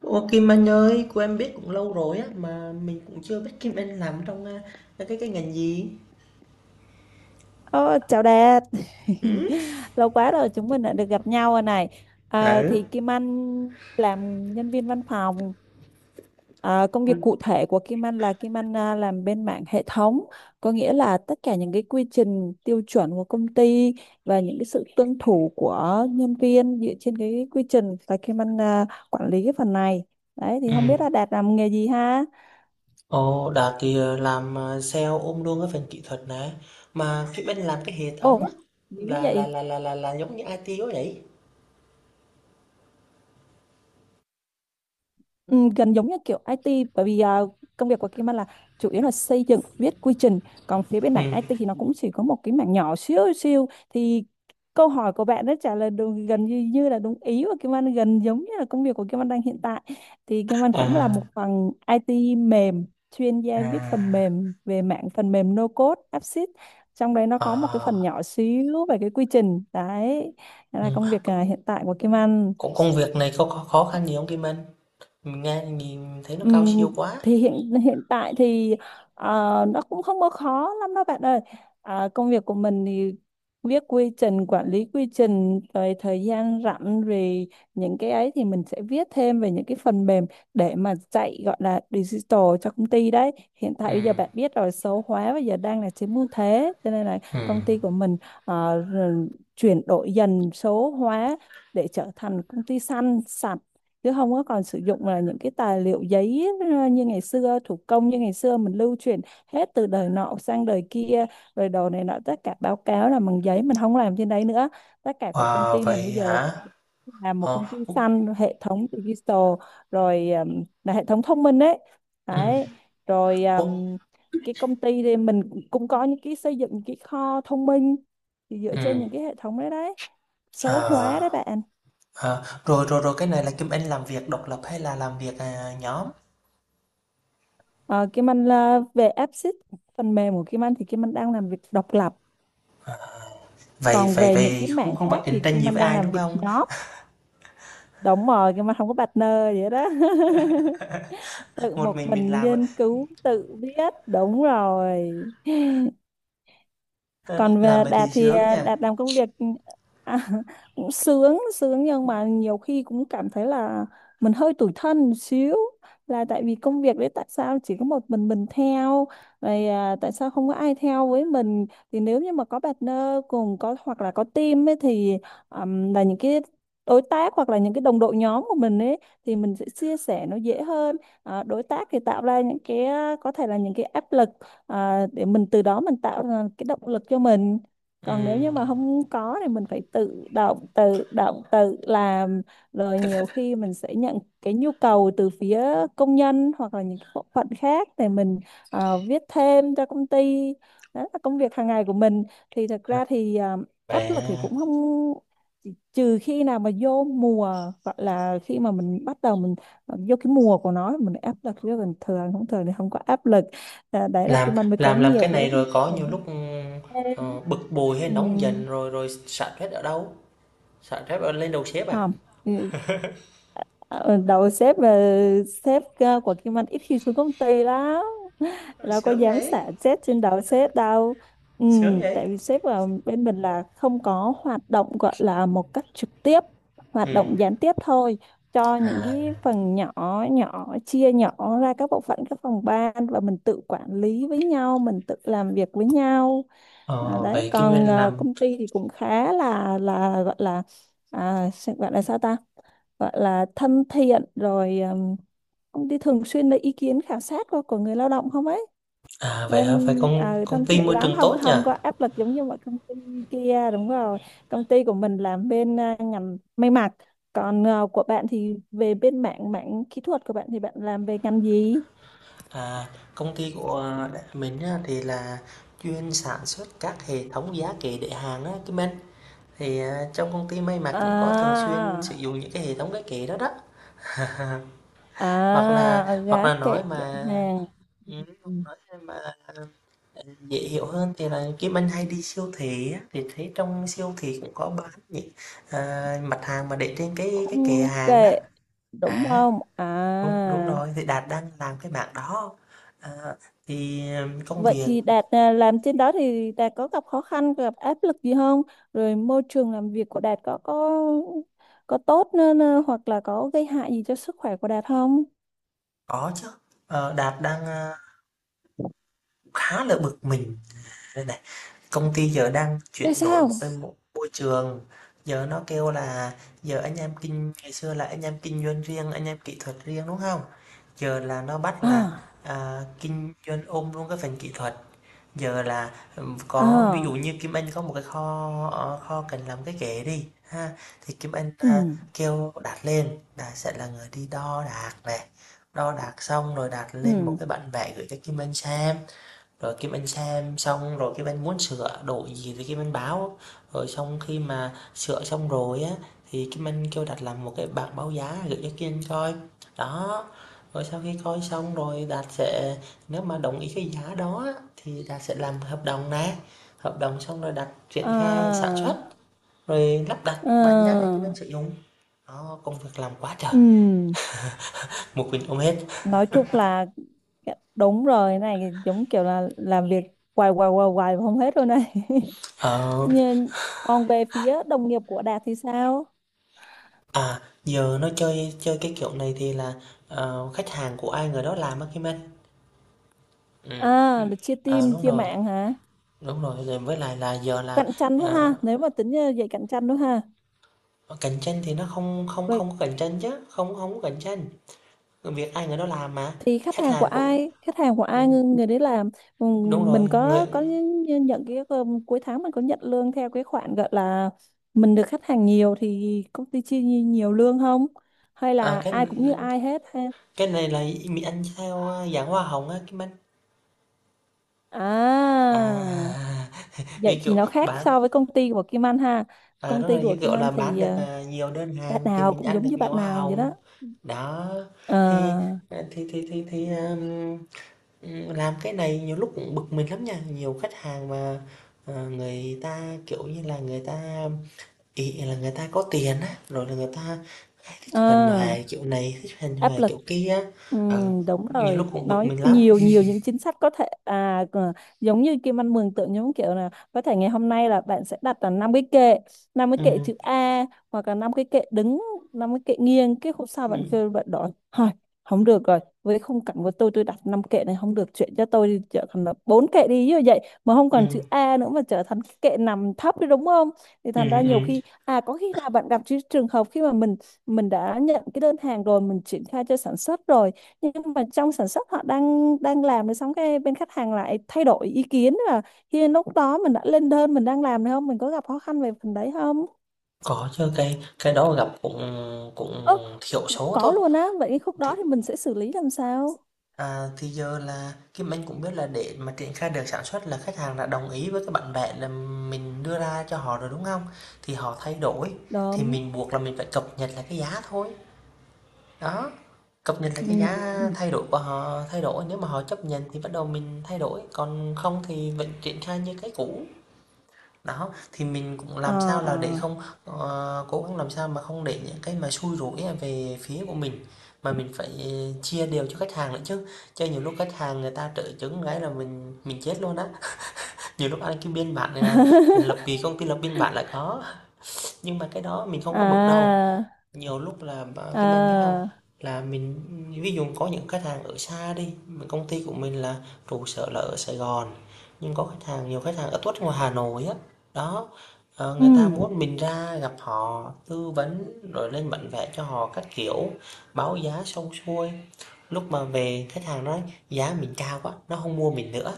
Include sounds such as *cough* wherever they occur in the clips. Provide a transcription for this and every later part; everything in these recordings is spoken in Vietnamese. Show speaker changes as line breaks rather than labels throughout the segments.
Ô Kim Anh ơi, cô em biết cũng lâu rồi á mà mình cũng chưa biết Kim Anh làm trong cái ngành gì.
Ờ, Chào Đạt. *laughs* Lâu quá rồi chúng mình đã được gặp nhau rồi này. Ờ,
Ừ.
thì Kim Anh làm nhân viên văn phòng. Ờ, Công việc cụ thể của Kim Anh là Kim Anh làm bên mảng hệ thống, có nghĩa là tất cả những cái quy trình tiêu chuẩn của công ty và những cái sự tuân thủ của nhân viên dựa trên cái quy trình, và Kim Anh quản lý cái phần này đấy. Thì
Ừ.
không biết là Đạt làm nghề gì ha.
Ồ, Đạt thì làm sale ôm luôn cái phần kỹ thuật này. Mà Kim Anh làm cái hệ thống á,
Ồ, dữ
là là
vậy.
là là là, là giống như IT quá vậy.
Ừ, gần giống như kiểu IT, bởi vì công việc của Kim Anh là chủ yếu là xây dựng viết quy trình, còn phía bên
Ừ.
mảng IT thì nó cũng chỉ có một cái mảng nhỏ xíu siêu. Thì câu hỏi của bạn đã trả lời đúng, gần như như là đúng ý của Kim Anh, gần giống như là công việc của Kim Anh đang hiện tại. Thì Kim Anh cũng là
À
một phần IT mềm, chuyên gia viết phần
à
mềm về mảng phần mềm no code app, trong đấy nó có một cái phần
à
nhỏ xíu về cái quy trình đấy. Đó là
ừ.
công việc hiện tại của Kim Anh.
Cũng công việc này có khó khăn gì không Kim Anh? Mình nghe nhìn thấy nó cao
Ừm,
siêu quá.
thì hiện hiện tại thì ờ, nó cũng không có khó lắm đâu bạn ơi. À, công việc của mình thì viết quy trình, quản lý quy trình, rồi thời gian rảnh rồi những cái ấy thì mình sẽ viết thêm về những cái phần mềm để mà chạy gọi là digital cho công ty đấy. Hiện
Ừ.
tại bây giờ bạn biết rồi, số hóa bây giờ đang là chiếm ưu thế, cho nên là
Ừ.
công ty của mình rồi chuyển đổi dần số hóa để trở thành công ty xanh sạch, chứ không có còn sử dụng là những cái tài liệu giấy như ngày xưa, thủ công như ngày xưa mình lưu truyền hết từ đời nọ sang đời kia, rồi đồ này nọ, tất cả báo cáo là bằng giấy mình không làm trên đấy nữa. Tất cả của công
À,
ty mình
vậy
bây giờ
hả?
là một
Ờ.
công ty
Ừ.
xanh, hệ thống digital, rồi là hệ thống thông minh đấy đấy. Rồi
Ừ.
cái công ty thì mình cũng có những cái xây dựng những cái kho thông minh thì dựa trên
Ừ.
những cái hệ thống đấy đấy, số hóa đấy
Ờ,
bạn.
Rồi, rồi, rồi, cái này là Kim Anh làm việc độc lập hay là làm việc, nhóm?
Ờ, Kim Anh là về app, phần mềm của Kim Anh thì Kim Anh đang làm việc độc lập,
Vậy
còn
vậy
về những cái
vậy không
mảng
không phải
khác
cạnh
thì
tranh
Kim
gì
Anh
với
đang
ai,
làm
đúng
việc
không?
nhóm. Đúng rồi, Kim Anh không có partner vậy đó. *laughs* Tự
Một
một
mình
mình
làm.
nghiên cứu tự viết, đúng rồi. Còn
Làm
về
vậy
Đạt
thì
thì
sướng nhỉ?
Đạt làm công việc à, *laughs* cũng sướng sướng, nhưng mà nhiều khi cũng cảm thấy là mình hơi tủi thân một xíu, là tại vì công việc đấy tại sao chỉ có một mình theo, rồi tại sao không có ai theo với mình. Thì nếu như mà có partner cùng có, hoặc là có team ấy, thì là những cái đối tác hoặc là những cái đồng đội nhóm của mình ấy, thì mình sẽ chia sẻ nó dễ hơn. Ờ, đối tác thì tạo ra những cái có thể là những cái áp lực để mình từ đó mình tạo ra cái động lực cho mình.
Ừ.
Còn nếu như mà không có thì mình phải tự động tự làm. Rồi nhiều khi mình sẽ nhận cái nhu cầu từ phía công nhân hoặc là những bộ phận khác để mình viết thêm cho công ty. Đó là công việc hàng ngày của mình. Thì thật
à,
ra thì áp
Vậy,
lực thì cũng không, trừ khi nào mà vô mùa, gọi là khi mà mình bắt đầu mình vô cái mùa của nó thì mình áp lực, chứ còn thường không, thường thì không có áp lực. À, đấy là cái
làm
mình mới có
làm làm
nhiều
cái
cái
này rồi có
để
nhiều
nhanh
lúc, ừm,
lên.
ờ, bực bội hay nóng
Ừm,
giận rồi rồi xả stress ở đâu? Xả stress ở lên đầu sếp à?
Không. Ừ. Ờ, đầu sếp là sếp của Kim Anh ít khi xuống công ty lắm,
Ờ,
đâu có
Sướng
dám
vậy,
xả chết trên đầu sếp đâu. Ừ,
sướng vậy!
tại vì sếp ở bên mình là không có hoạt động gọi là một cách trực tiếp,
Ừ.
hoạt động gián tiếp thôi cho những
à,
cái phần nhỏ, nhỏ, chia nhỏ ra các bộ phận các phòng ban và mình tự quản lý với nhau, mình tự làm việc với nhau. À,
ờ,
đấy
Vậy Kim Anh
còn
làm.
công ty thì cũng khá là gọi là sẽ gọi là sao ta, gọi là thân thiện. Rồi công ty thường xuyên lấy ý kiến khảo sát của người lao động không ấy
Vậy
lên.
hả? Vậy công
Ờ,
công
thân
ty
thiện
môi
lắm,
trường
không
tốt nhỉ?
không có áp lực giống như mọi công ty kia, đúng rồi. Công ty của mình làm bên ngành may mặc. Còn của bạn thì về bên mảng mảng kỹ thuật của bạn, thì bạn làm về ngành gì?
À, công ty của mình á, thì là chuyên sản xuất các hệ thống giá kệ để hàng á, Kim Anh. Thì trong công ty may mặc cũng có thường xuyên sử
À.
dụng những cái hệ thống cái kệ đó đó. *laughs* Hoặc là
À, gá
hoặc là
kệ
nói
để
mà
hàng.
ừ,
Ừ.
hoặc nói mà dễ hiểu hơn thì là Kim Anh hay đi siêu thị á, thì thấy trong siêu thị cũng có bán những mặt hàng mà để trên cái kệ
Khung
hàng đó.
kệ, đúng
À,
không à?
đúng đúng rồi, thì Đạt đang làm cái mảng đó. À, thì công
Vậy
việc.
thì Đạt làm trên đó thì Đạt có gặp khó khăn, gặp áp lực gì không? Rồi môi trường làm việc của Đạt có tốt nên hoặc là có gây hại gì cho sức khỏe của Đạt không?
Có chứ, Đạt đang khá là bực mình đây này. Công ty giờ đang
Tại
chuyển đổi một
sao?
cái môi trường, giờ nó kêu là giờ anh em kinh ngày xưa là anh em kinh doanh riêng, anh em kỹ thuật riêng, đúng không? Giờ là nó bắt là,
À.
à, kinh doanh ôm luôn cái phần kỹ thuật. Giờ là có ví dụ
À.
như Kim Anh có một cái kho cần làm cái ghế đi ha, thì Kim Anh
Ừ.
kêu Đạt lên. Đạt sẽ là người đi đo đạc này, đo đạc xong rồi Đạt lên một
Ừ.
cái bản vẽ gửi cho Kim Anh xem, rồi Kim Anh xem xong rồi Kim Anh muốn sửa đổi gì thì Kim Anh báo. Rồi xong khi mà sửa xong rồi á thì Kim Anh kêu Đạt làm một cái bảng báo giá gửi cho Kim Anh coi. Đó, rồi sau khi coi xong rồi Đạt sẽ, nếu mà đồng ý cái giá đó thì Đạt sẽ làm hợp đồng nè. Hợp đồng xong rồi Đạt triển khai sản
À.
xuất, rồi lắp đặt bàn giao cho Kim Anh
À.
sử dụng. Đó, công việc làm quá trời,
Ừ.
một mình ôm hết.
Nói chung là, dạ, đúng rồi, cái này giống kiểu là làm việc hoài hoài hoài hoài mà không hết rồi này. *laughs*
Ờ.
Nhưng còn về phía đồng nghiệp của Đạt thì sao?
À, giờ nó chơi chơi cái kiểu này thì là khách hàng của ai người đó làm á Kim Anh. Ừ,
À, được chia team,
đúng
chia
rồi,
mạng hả?
đúng rồi. Rồi với lại là giờ là
Cạnh tranh quá ha,
ờ,
nếu mà tính vậy cạnh tranh đó ha.
cạnh tranh thì nó không không
Vậy
không có cạnh tranh chứ, không không có cạnh tranh. Việc ai người đó làm mà
thì khách
khách
hàng của
hàng của
ai, khách hàng của
ừ,
ai người, người đấy làm. Ừ.
đúng rồi
Mình
người
có nhận cái cuối tháng mình có nhận lương theo cái khoản gọi là mình được khách hàng nhiều thì công ty chia nhiều lương không? Hay
à,
là
cái
ai cũng như ai hết ha?
cái này là mình ăn theo dạng hoa hồng á Kim Anh.
À,
À, *laughs*
vậy
như
thì
kiểu
nó khác
bán.
so với công ty của Kim Anh ha. Công
Đúng
ty
rồi,
của
như
Kim
kiểu là
Anh
bán
thì
được nhiều đơn
bạn
hàng thì
nào
mình
cũng
ăn
giống
được
như
nhiều
bạn
hoa
nào vậy
hồng.
đó.
Đó, thì,
À.
à, thì thì, làm cái này nhiều lúc cũng bực mình lắm nha. Nhiều khách hàng mà người ta, kiểu như là, người ta ỷ là người ta có tiền á, rồi là người ta hay thích huề
À.
hoài kiểu này, thích huề
Áp
hoài
lực.
kiểu kia á. Ờ,
Đúng
Nhiều lúc
rồi,
cũng bực
nó
mình lắm.
nhiều nhiều những chính sách có thể à giống như Kim Anh mường tượng giống kiểu là có thể ngày hôm nay là bạn sẽ đặt là năm cái kệ, năm cái kệ
Ừm,
chữ A, hoặc là năm cái kệ đứng, năm cái kệ nghiêng. Cái hôm sau bạn
ừm,
kêu bạn đổi thôi, không được rồi, với khung cảnh của tôi đặt năm kệ này không được, chuyện cho tôi đi trở thành là bốn kệ đi như vậy, mà không còn chữ
ừm,
A nữa mà trở thành cái kệ nằm thấp đi, đúng không? Thì thành ra
ừm,
nhiều
ừm.
khi à có khi là bạn gặp cái trường hợp khi mà mình đã nhận cái đơn hàng rồi, mình triển khai cho sản xuất rồi, nhưng mà trong sản xuất họ đang đang làm rồi, xong cái bên khách hàng lại thay đổi ý kiến. Là hiện lúc đó mình đã lên đơn mình đang làm rồi, không, mình có gặp khó khăn về phần đấy không?
Có chứ, cái đó gặp cũng
Ơ,
cũng thiểu số
có
thôi.
luôn á. Vậy cái khúc đó thì mình sẽ xử lý làm sao?
À, thì giờ là Kim Anh cũng biết là để mà triển khai được sản xuất là khách hàng đã đồng ý với cái bản vẽ là mình đưa ra cho họ rồi, đúng không? Thì họ thay đổi, thì
Đúng.
mình buộc là mình phải cập nhật lại cái giá thôi. Đó, cập nhật lại cái giá,
Ừ.
thay đổi của họ thay đổi, nếu mà họ chấp nhận thì bắt đầu mình thay đổi, còn không thì vẫn triển khai như cái cũ. Đó, thì mình cũng làm sao là để
À.
không, cố gắng làm sao mà không để những cái mà xui rủi về phía của mình, mà mình phải chia đều cho khách hàng nữa chứ. Chứ nhiều lúc khách hàng người ta trợ chứng cái là mình chết luôn á. Nhiều lúc ăn cái biên bản, lập,
*laughs*
vì công ty lập biên bản là có, nhưng mà cái đó mình không có bực đâu.
À.
Nhiều lúc là Kim Anh biết không,
À.
là mình ví dụ có những khách hàng ở xa đi, công ty của mình là trụ sở là ở Sài Gòn, nhưng có khách hàng nhiều khách hàng ở tuốt ngoài Hà Nội á. Đó, người ta
Ừ.
muốn mình ra gặp họ tư vấn rồi lên bản vẽ cho họ các kiểu, báo giá xong xuôi, lúc mà về khách hàng nói giá mình cao quá nó không mua mình nữa,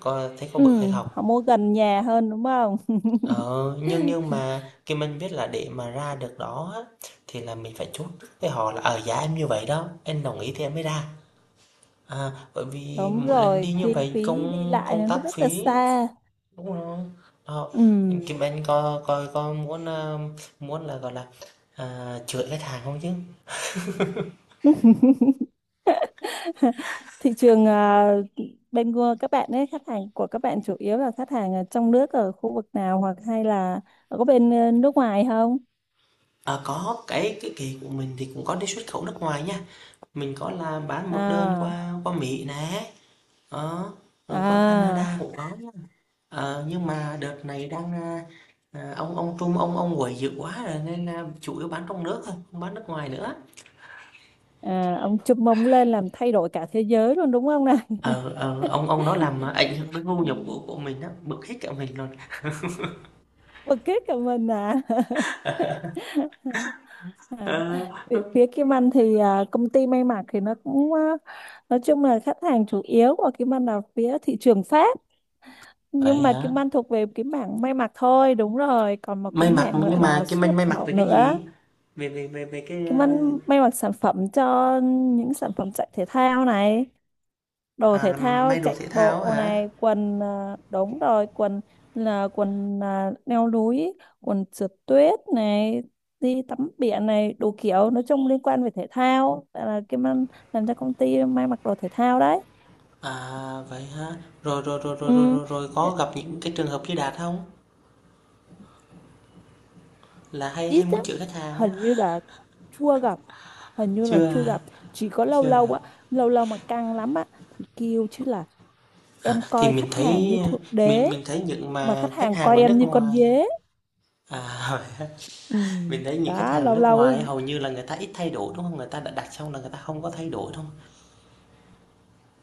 có thấy có
Ừ.
bực hay không?
Họ mua gần nhà hơn đúng không.
Ờ, nhưng
*laughs*
nhưng mà khi mình biết là để mà ra được đó á, thì là mình phải chốt với họ là ở giá em như vậy đó, em đồng ý thì em mới ra, bởi vì
Đúng
mỗi lần
rồi,
đi như
chi
vậy
phí đi
công
lại
công
nó
tác
rất là
phí,
xa.
đúng không? Đó.
Ừ.
Kim Anh có coi có muốn là gọi là chửi khách hàng không chứ?
*laughs* Thị trường bên của các bạn ấy, khách hàng của các bạn chủ yếu là khách hàng ở trong nước ở khu vực nào, hoặc hay là có bên nước ngoài không?
Có cái kỳ của mình thì cũng có đi xuất khẩu nước ngoài nha, mình có là bán một đơn
À.
qua qua Mỹ nè. Ờ, rồi qua Canada
À.
cũng có. Nhưng mà đợt này đang, ông Trung ông quậy dữ quá rồi nên là chủ yếu bán trong nước thôi, không bán nước ngoài nữa.
À, ông chum mông lên làm thay đổi cả thế giới luôn đúng không này.
Ờ, ông đó làm ảnh hưởng
*laughs*
đến thu
Ừ.
nhập của mình, đó bực hết cả mình luôn.
Bực kết cả mình à. *laughs* À,
Ờ,
phía phía Kim Anh thì công ty may mặc thì nó cũng nói chung là khách hàng chủ yếu của Kim Anh là phía thị trường Pháp,
Vậy
nhưng mà
hả?
kiếm ăn thuộc về cái mảng may mặc thôi, đúng rồi, còn một cái
May mặc
mảng nữa
nhưng mà
là
cái
xuất
may
nhập
may mặc
khẩu
về cái
nữa.
gì? Về về về về cái
Kiếm ăn may mặc sản phẩm cho những sản phẩm chạy thể thao này, đồ thể
làm
thao
may đồ
chạy
thể thao
bộ
hả?
này, quần đúng rồi, quần là, quần leo núi, quần trượt tuyết này, đi tắm biển này, đủ kiểu, nói chung liên quan về thể thao. Tại là kiếm ăn làm cho công ty may mặc đồ thể thao đấy.
Vậy hả? rồi rồi rồi rồi rồi
Ừ.
rồi, rồi có gặp những cái trường hợp như Đạt không, là hay hay
Ít
muốn
lắm,
chửi khách hàng á?
hình như là chưa gặp, hình như là
chưa
chưa
à,
gặp. Chỉ có lâu
chưa
lâu á, lâu lâu mà căng lắm á, thì kêu chứ là
À,
em
thì
coi
mình
khách hàng
thấy
như thượng đế
mình mình thấy những
mà
mà
khách
khách
hàng
hàng
coi
ở nước
em như con
ngoài
dế.
hỏi.
Ừ.
*laughs* Mình thấy những khách
Đó,
hàng ở
lâu
nước
lâu á,
ngoài hầu như là người ta ít thay đổi, đúng không? Người ta đã đặt xong là người ta không có thay đổi, đúng không?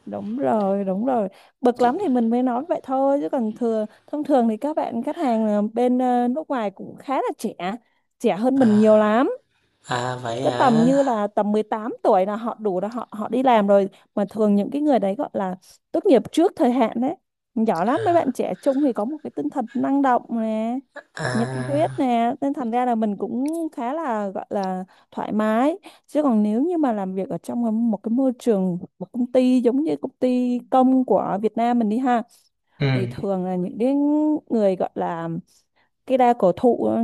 đúng rồi, đúng rồi, bực
Chị,
lắm thì mình mới nói vậy thôi, chứ còn thường thông thường thì các bạn khách hàng nước ngoài cũng khá là trẻ, trẻ hơn
à,
mình nhiều lắm.
vậy
Cứ tầm
hả?
như là tầm 18 tuổi là họ đủ là họ họ đi làm rồi. Mà thường những cái người đấy gọi là tốt nghiệp trước thời hạn đấy, giỏi lắm. Mấy bạn trẻ trung thì có một cái tinh thần năng động nè, nhiệt huyết
À,
nè, nên thành ra là mình cũng khá là gọi là thoải mái. Chứ còn nếu như mà làm việc ở trong một cái môi trường một công ty giống như công ty công của Việt Nam mình đi ha,
ừ,
thì thường là những cái người gọi là cái đa cổ thụ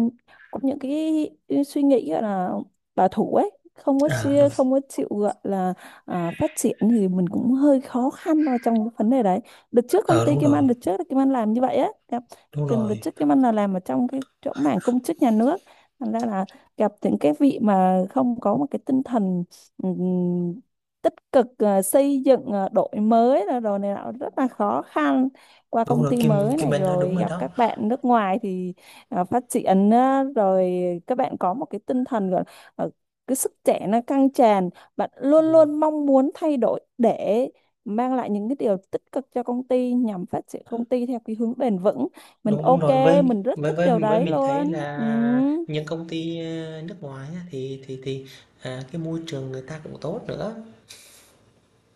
có những cái suy nghĩ gọi là bảo thủ ấy, không có
đúng,
xia, không có chịu gọi là phát triển, thì mình cũng hơi khó khăn vào trong cái vấn đề đấy. Đợt trước công
ờ
ty
đúng
Kim
rồi,
Anh, đợt trước là Kim Anh làm như vậy á, gặp,
đúng
gần đợt
rồi,
trước Kim Anh là làm ở trong cái chỗ mảng công chức nhà nước, thành ra là gặp những cái vị mà không có một cái tinh thần ừm, tích cực xây dựng đổi mới là đồ này nọ, rất là khó khăn. Qua
đúng
công
rồi.
ty
Kim
mới
Kim
này
Anh nói đúng
rồi
rồi
gặp
đó.
các bạn nước ngoài thì phát triển á, rồi các bạn có một cái tinh thần gọi là cái sức trẻ nó căng tràn, bạn luôn
Ừ,
luôn mong muốn thay đổi để mang lại những cái điều tích cực cho công ty nhằm phát triển công ty theo cái hướng bền vững. Mình
đúng đúng
ok,
rồi. với
mình rất
với
thích
với
điều
với
đấy
mình thấy
luôn. Ừ,
là những công ty nước ngoài á, thì cái môi trường người ta cũng tốt nữa.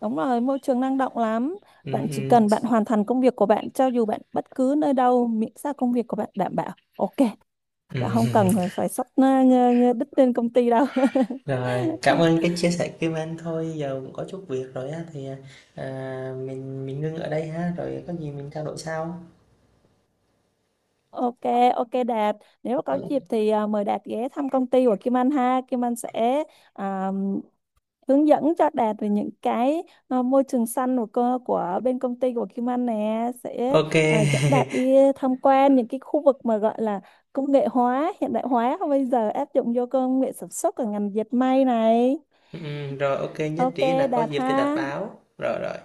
đúng rồi, môi trường năng động lắm.
Ừ,
Bạn chỉ
ừ,
cần bạn hoàn thành công việc của bạn cho dù bạn bất cứ nơi đâu, miễn sao công việc của bạn đảm bảo ok.
ừ.
Dạ không
*laughs*
cần phải xách nó ngơ đít lên công ty đâu.
Rồi, cảm
*laughs*
ơn cái chia sẻ Kim Anh, thôi giờ cũng có chút việc rồi á thì mình ngưng ở đây ha, rồi có gì mình trao đổi sau.
Ok, ok Đạt. Nếu mà có
Ừ.
dịp thì mời Đạt ghé thăm công ty của Kim Anh ha. Kim Anh sẽ à, hướng dẫn cho Đạt về những cái môi trường xanh của cơ của bên công ty của Kim Anh nè, sẽ
Ok.
dẫn Đạt đi
*laughs*
tham quan những cái khu vực mà gọi là công nghệ hóa, hiện đại hóa bây giờ áp dụng vô công nghệ sản xuất ở ngành dệt may này.
Ừ, rồi ok nhất
Ok
trí là có
Đạt
dịp thì đặt
ha.
báo. Rồi rồi.